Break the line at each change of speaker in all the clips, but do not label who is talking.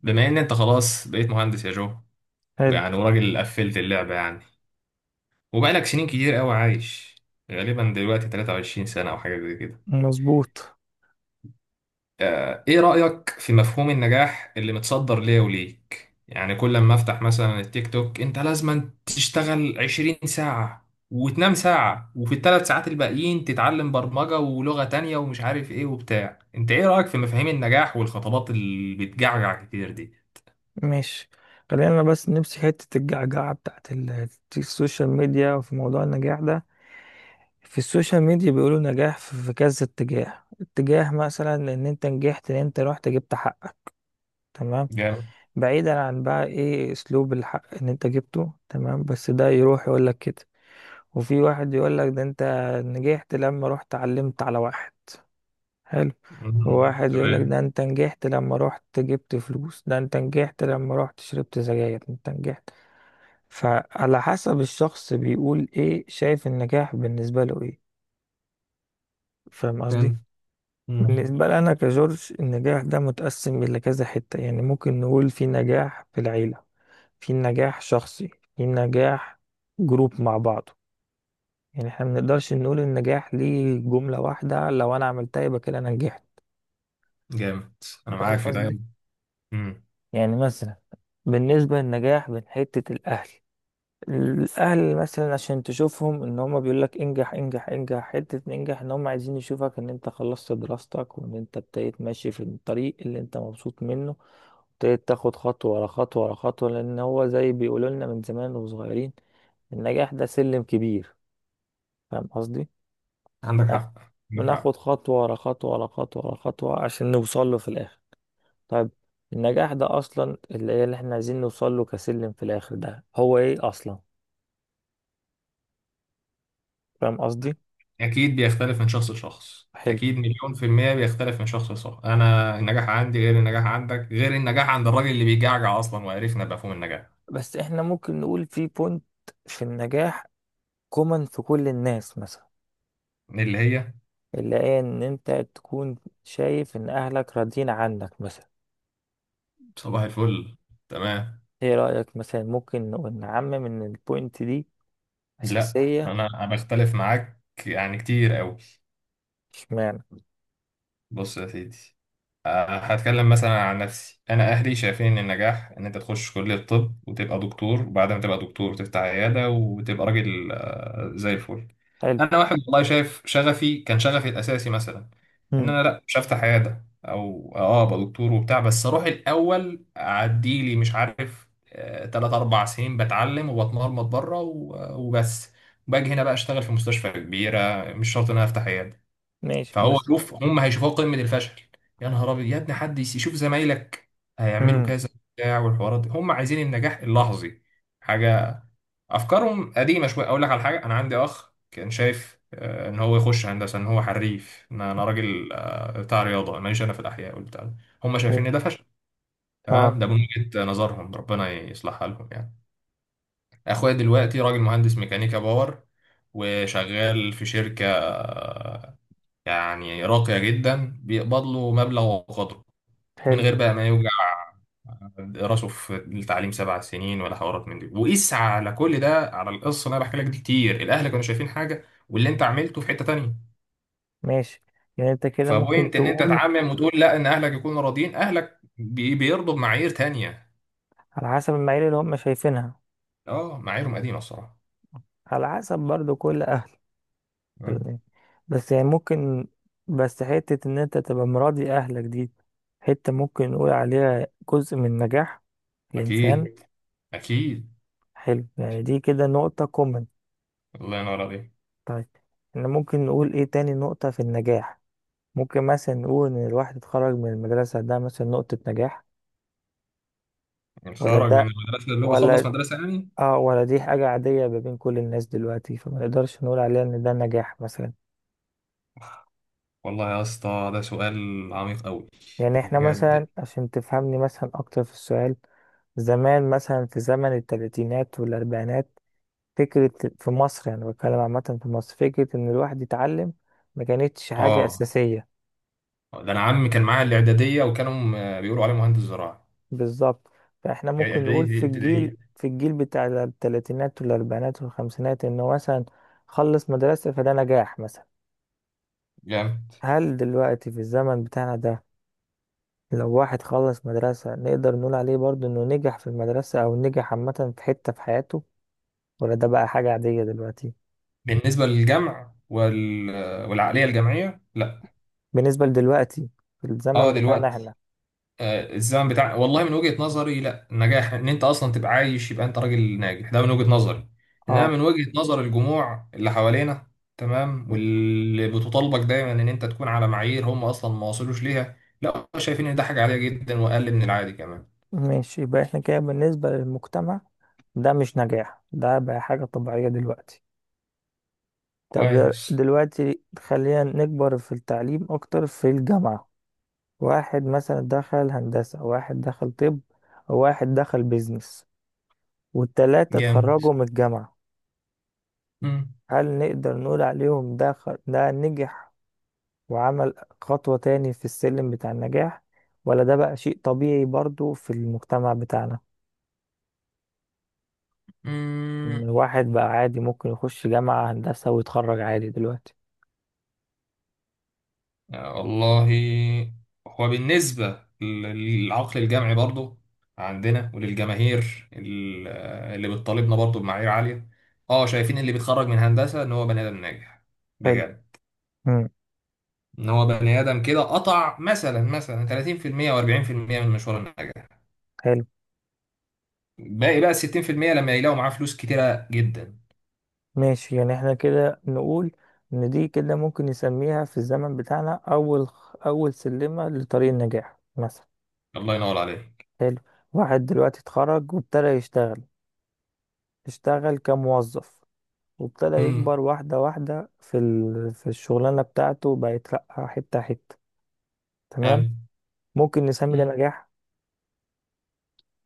بما ان انت خلاص بقيت مهندس يا جو
حلو.
ويعني وراجل قفلت اللعبة يعني وبقالك سنين كتير قوي عايش غالبا دلوقتي 23 سنة او حاجة زي كده.
مظبوط.
ايه رأيك في مفهوم النجاح اللي متصدر ليا وليك؟ يعني كل ما افتح مثلا التيك توك انت لازم تشتغل 20 ساعة وتنام ساعة وفي الـ3 ساعات الباقيين تتعلم برمجة ولغة تانية ومش عارف ايه وبتاع. انت ايه رأيك في مفاهيم النجاح والخطابات اللي بتجعجع كتير دي؟
ماشي. خلينا بس نمسك حتة الجعجعة بتاعت السوشيال ميديا وفي موضوع النجاح ده. في السوشيال ميديا بيقولوا نجاح في كذا اتجاه، مثلا ان انت نجحت، ان انت رحت جبت حقك، تمام.
جامد.
بعيدا عن بقى ايه اسلوب الحق ان انت جبته، تمام، بس ده يروح يقول لك كده. وفي واحد يقول لك ده انت نجحت لما رحت علمت على واحد. حلو.
مم.
وواحد
تمام.
يقولك ده انت نجحت لما رحت جبت فلوس، ده انت نجحت لما رحت شربت سجاير، انت نجحت. فعلى حسب الشخص بيقول ايه، شايف النجاح بالنسبة له ايه. فاهم قصدي؟
مم.
بالنسبة لي انا كجورج، النجاح ده متقسم الى كذا حتة. يعني ممكن نقول في نجاح في العيلة، في نجاح شخصي، في نجاح جروب مع بعضه. يعني احنا منقدرش نقول النجاح ليه جملة واحدة، لو انا عملتها يبقى كده انا نجحت.
جامد. انا
فاهم
معاك في ده.
قصدي؟
مم.
يعني مثلا، بالنسبة للنجاح من حتة الأهل، الأهل مثلا، عشان تشوفهم إن هما بيقولك انجح انجح انجح حتة انجح، إن هما عايزين يشوفك إن أنت خلصت دراستك وإن أنت ابتديت ماشي في الطريق اللي أنت مبسوط منه، ابتديت تاخد خطوة ورا خطوة ورا خطوة، لأن هو زي بيقولوا لنا من زمان وصغيرين، النجاح ده سلم كبير. فاهم قصدي؟
عندك
بناخد
حق. عندك حق.
بناخد خطوة ورا خطوة ورا خطوة ورا خطوة عشان نوصل له في الآخر. طيب، النجاح ده اصلا اللي هي اللي احنا عايزين نوصل له كسلم في الاخر ده هو ايه اصلا. فاهم قصدي؟
اكيد بيختلف من شخص لشخص،
حلو.
اكيد مليون في المية بيختلف من شخص لشخص. انا النجاح عندي غير النجاح عندك غير النجاح عند الراجل اللي بيجعجع اصلا وعرفنا مفهوم النجاح.
بس احنا ممكن نقول في بوينت في النجاح كومن في كل الناس، مثلا،
اللي هي
اللي هي ان انت تكون شايف ان اهلك راضيين عنك مثلا.
صباح الفل. تمام.
ايه رأيك؟ مثلا ممكن نقول نعمم ان البوينت دي
لا،
اساسية.
انا بختلف معاك يعني كتير قوي.
اشمعنى.
بص يا سيدي، هتكلم مثلا عن نفسي. انا اهلي شايفين ان النجاح ان انت تخش كلية طب وتبقى دكتور، وبعد ما تبقى دكتور تفتح عيادة وتبقى راجل زي الفل.
حلو.
انا واحد والله شايف شغفي، كان شغفي الاساسي مثلا ان
مم.
انا لا، مش هفتح عيادة او اه ابقى دكتور وبتاع. بس اروح الاول اعدي لي مش عارف تلات اربع سنين بتعلم وبتمرمط بره وبس. باجي هنا بقى اشتغل في مستشفى كبيرة، مش شرط ان انا افتح عيادة.
ماشي
فهو
بس.
شوف، هم هيشوفوها قمه الفشل. يا نهار ابيض يا ابني، حد يشوف زمايلك هيعملوا
مم.
كذا بتاع والحوارات دي. هم عايزين النجاح اللحظي، حاجه افكارهم قديمه شويه. اقول لك على حاجه، انا عندي اخ كان شايف ان هو يخش هندسه، ان هو حريف، ان انا راجل بتاع رياضه، ماليش انا في الاحياء والبتاع ده. هم شايفين
حلو.
ان ده فشل. تمام،
اه.
ده من وجهه نظرهم، ربنا يصلحها لهم يعني. اخويا دلوقتي راجل مهندس ميكانيكا باور، وشغال في شركه يعني راقية جدا، بيقبض له مبلغ وقدره، من
حلو.
غير بقى ما يوجع راسه في التعليم 7 سنين ولا حوارات من دي. وقيس على كل ده، على القصة اللي انا بحكي لك دي كتير، الاهل كانوا شايفين حاجة واللي انت عملته في حتة تانية.
ماشي، يعني انت كده ممكن
فبوينت ان انت
تقول
تعمم وتقول لا، ان اهلك يكونوا راضيين، اهلك بيرضوا بمعايير تانية.
على حسب المعايير اللي هم شايفينها،
اه معاييرهم قديمة الصراحة.
على حسب برضو كل اهل
مم.
يعني. بس يعني ممكن، بس حتة ان انت تبقى مراضي اهلك دي حتة ممكن نقول عليها جزء من نجاح الانسان.
اكيد. اكيد.
حلو، يعني دي كده نقطة كومن.
الله ينور عليك.
طيب، احنا ممكن نقول ايه تاني نقطة في النجاح؟ ممكن مثلا نقول ان الواحد اتخرج من المدرسة ده مثلا نقطة نجاح،
يعني
ولا
خرج من
ده،
المدرسة، اللي هو
ولا
خلص مدرسة يعني.
اه، ولا دي حاجة عادية ما بين كل الناس دلوقتي فما نقدرش نقول عليها ان ده نجاح مثلا.
والله يا اسطى، ده سؤال عميق قوي،
يعني احنا
بجد.
مثلا، عشان تفهمني مثلا اكتر في السؤال، زمان مثلا في زمن التلاتينات والاربعينات، فكرة في مصر، يعني بتكلم عامة في مصر، فكرة ان الواحد يتعلم ما كانتش حاجة
اه،
اساسية.
ده انا عمي كان معايا الاعداديه وكانوا بيقولوا عليه مهندس زراعي.
بالظبط. فاحنا
يعني
ممكن
اعداديه
نقول
دي
في الجيل
ابتدائيه.
في الجيل بتاع التلاتينات والاربعينات والخمسينات انه مثلا خلص مدرسة فده نجاح مثلا.
جامد.
هل دلوقتي في الزمن بتاعنا ده، لو واحد خلص مدرسة، نقدر نقول عليه برضه انه نجح في المدرسة او نجح عامة في حتة في حياته؟ ولا ده بقى حاجة عادية دلوقتي؟
بالنسبه للجمع والعقليه الجمعيه لا.
بالنسبة لدلوقتي في الزمن
اه
بتاعنا احنا.
دلوقتي، الزمن بتاع، والله من وجهه نظري، لا، النجاح ان انت اصلا تبقى عايش يبقى انت راجل ناجح، ده من وجهه نظري. انما
اه.
من وجهه نظر الجموع اللي حوالينا، تمام، واللي بتطالبك دايما ان انت تكون على معايير هم اصلا ما وصلوش ليها، لا هم شايفين ان ده حاجه عاديه جدا واقل من العادي كمان.
ماشي، يبقى احنا كده بالنسبة للمجتمع ده مش نجاح، ده بقى حاجة طبيعية دلوقتي. طب،
كويس.
دلوقتي خلينا نكبر في التعليم أكتر، في الجامعة. واحد مثلا دخل هندسة، واحد دخل طب، وواحد دخل بيزنس، والتلاتة
جامد.
اتخرجوا من الجامعة. هل نقدر نقول عليهم ده ده نجح وعمل خطوة تاني في السلم بتاع النجاح؟ ولا ده بقى شيء طبيعي برضو في المجتمع بتاعنا، إن
مم.
الواحد بقى عادي ممكن يخش جامعة هندسة ويتخرج عادي دلوقتي؟
والله. هو بالنسبة للعقل الجمعي برضو عندنا، وللجماهير اللي بتطالبنا برضو بمعايير عالية. اه شايفين اللي بيتخرج من هندسة ان هو بني ادم ناجح،
حلو.
بجد.
مم.
ان هو بني ادم كده قطع مثلا 30% و40% من مشوار النجاح.
حلو.
باقي بقى 60% لما يلاقوا معاه فلوس كتيرة جدا.
ماشي، يعني احنا كده نقول إن دي كده ممكن نسميها في الزمن بتاعنا أول سلمة لطريق النجاح مثلا.
الله ينور عليك.
حلو. واحد دلوقتي اتخرج وابتدى يشتغل، اشتغل كموظف، وابتدى
امم.
يكبر واحدة واحدة في الشغلانة بتاعته، بقى يترقى حتة حتة، تمام.
حلو.
ممكن نسمي ده نجاح.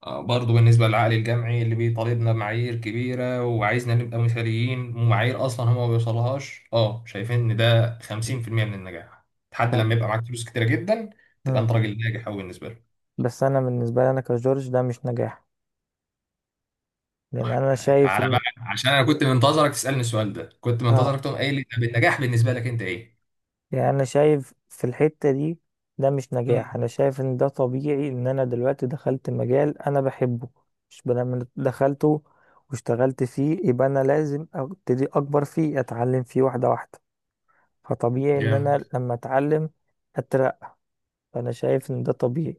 برضو بالنسبة للعقل الجمعي اللي بيطالبنا بمعايير كبيرة وعايزنا نبقى مثاليين ومعايير أصلا هما ما بيوصلهاش، اه شايفين إن ده 50% من النجاح. لحد
طب.
لما يبقى معاك فلوس كتيرة جدا تبقى
مم.
أنت راجل ناجح أوي بالنسبة له.
بس انا بالنسبه لي انا كجورج ده مش نجاح، لان انا شايف
تعالى
ان
بقى، عشان أنا كنت منتظرك تسألني السؤال ده، كنت
اه.
منتظرك تقوم قايل لي طب النجاح بالنسبة لك أنت إيه؟
يعني انا شايف في الحته دي ده مش نجاح، انا
مم.
شايف ان ده طبيعي، ان انا دلوقتي دخلت مجال انا بحبه. مش لما دخلته واشتغلت فيه يبقى انا لازم ابتدي اكبر فيه، اتعلم فيه واحده واحده. فطبيعي ان
جامد.
انا لما اتعلم اترقى، فانا شايف ان ده طبيعي.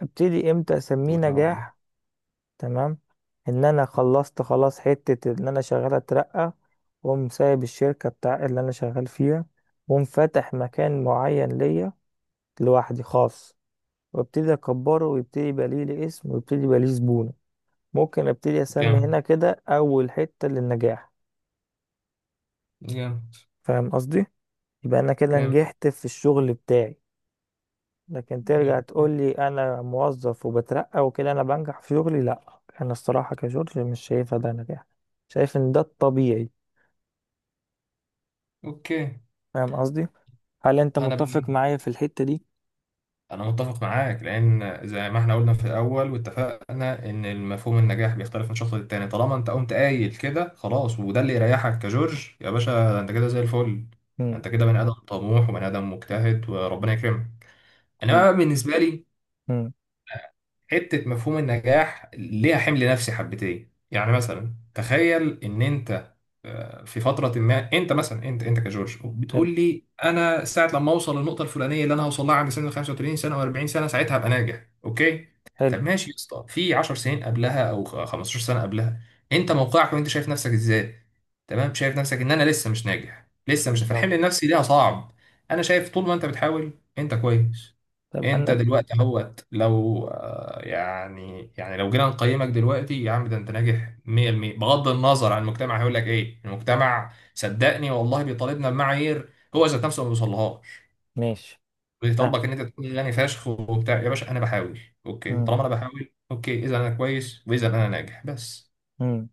ابتدي امتى اسميه
الله ينور عليك.
نجاح؟ تمام، ان انا خلصت خلاص حتة، ان انا شغال اترقى، واقوم سايب الشركة بتاع اللي انا شغال فيها، واقوم فاتح مكان معين ليا لوحدي خاص، وابتدي اكبره ويبتدي يبقى ليه اسم، ويبتدي يبقى ليه زبون. ممكن ابتدي اسمي
جامد.
هنا كده اول حتة للنجاح.
جامد.
فاهم قصدي؟ يبقى انا كده
جامد.
نجحت في الشغل بتاعي. لكن ترجع تقول لي انا موظف وبترقى وكده انا بنجح في شغلي، لا انا الصراحة كشغل مش شايفها ده نجاح، شايف ان ده الطبيعي.
أوكي.
فاهم قصدي؟ هل انت
أنا
متفق
بال...
معايا في الحتة دي؟
أنا متفق معاك، لأن زي ما احنا قلنا في الأول واتفقنا إن المفهوم النجاح بيختلف من شخص للتاني. طالما أنت قمت قايل كده خلاص وده اللي يريحك كجورج يا باشا، ده أنت كده زي الفل. ده
مم.
أنت كده بني آدم طموح وبني آدم مجتهد وربنا يكرمك.
إيه.
إنما بالنسبة لي،
مم.
حتة مفهوم النجاح ليها حمل نفسي حبتين. يعني مثلا تخيل ان انت في فترة ما، انت مثلا، انت كجورج
حلو.
بتقول لي انا ساعة لما اوصل للنقطة الفلانية اللي انا هوصل لها عند سن 35 سنة و40 سنة ساعتها هبقى ناجح. اوكي.
حلو.
طب ماشي يا اسطى، في 10 سنين قبلها او 15 سنة قبلها انت موقعك وانت شايف نفسك ازاي؟ تمام، شايف نفسك ان انا لسه مش ناجح، لسه مش،
بالظبط.
فالحمل النفسي ليها صعب. انا شايف طول ما انت بتحاول انت كويس.
طب
انت
انا.
دلوقتي اهوت، لو يعني لو جينا نقيمك دلوقتي يا عم ده انت ناجح 100%. بغض النظر عن المجتمع هيقول لك ايه، المجتمع صدقني والله بيطالبنا بمعايير هو ذات نفسه ما بيوصلهاش.
ماشي. آه.
بيطالبك ان انت تكون غني فشخ وبتاع يا باشا، انا بحاول. اوكي،
مم.
طالما انا بحاول اوكي، اذا انا كويس واذا انا ناجح بس.
مم.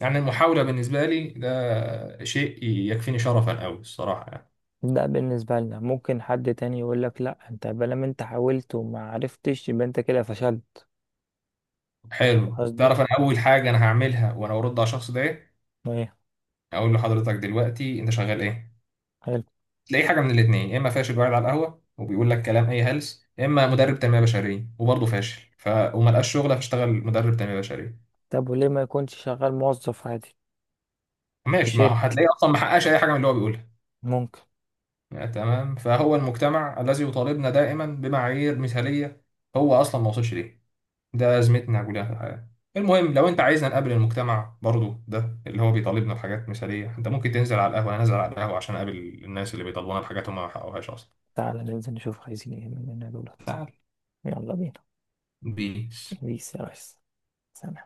يعني المحاولة بالنسبة لي ده شيء يكفيني شرفا قوي الصراحة يعني.
ده بالنسبة لنا، ممكن حد تاني يقول لك لا انت بلام، انت حاولت وما عرفتش يبقى انت كده فشلت. فاهم
حلو،
قصدي؟
تعرف انا اول حاجة انا هعملها وانا ارد على الشخص ده إيه؟
ايه.
اقول لحضرتك دلوقتي انت شغال ايه.
حلو.
تلاقي حاجه من الاثنين، يا اما فاشل وقاعد على القهوه وبيقول لك كلام اي هلس، يا اما مدرب تنميه بشريه وبرضه فاشل، ف وما لقاش شغله فاشتغل مدرب تنميه بشريه.
طب وليه ما يكونش شغال موظف عادي في
ماشي، ما هو
شركة؟
هتلاقيه اصلا ما حققش اي حاجه من اللي هو بيقولها.
ممكن.
تمام. فهو المجتمع الذي يطالبنا دائما بمعايير مثاليه هو اصلا ما وصلش ليه، ده ازمتنا كلها في الحياه. المهم لو انت عايزنا نقابل المجتمع برضه ده اللي هو بيطالبنا بحاجات مثاليه، انت ممكن تنزل على القهوه، انا نازل على القهوه عشان اقابل الناس اللي بيطالبونا بحاجات هم ما حققوهاش
تعالى ننزل نشوف عايزين ايه مننا دولت.
اصلا.
يلا بينا.
بي
بيس يا ريس. سلام.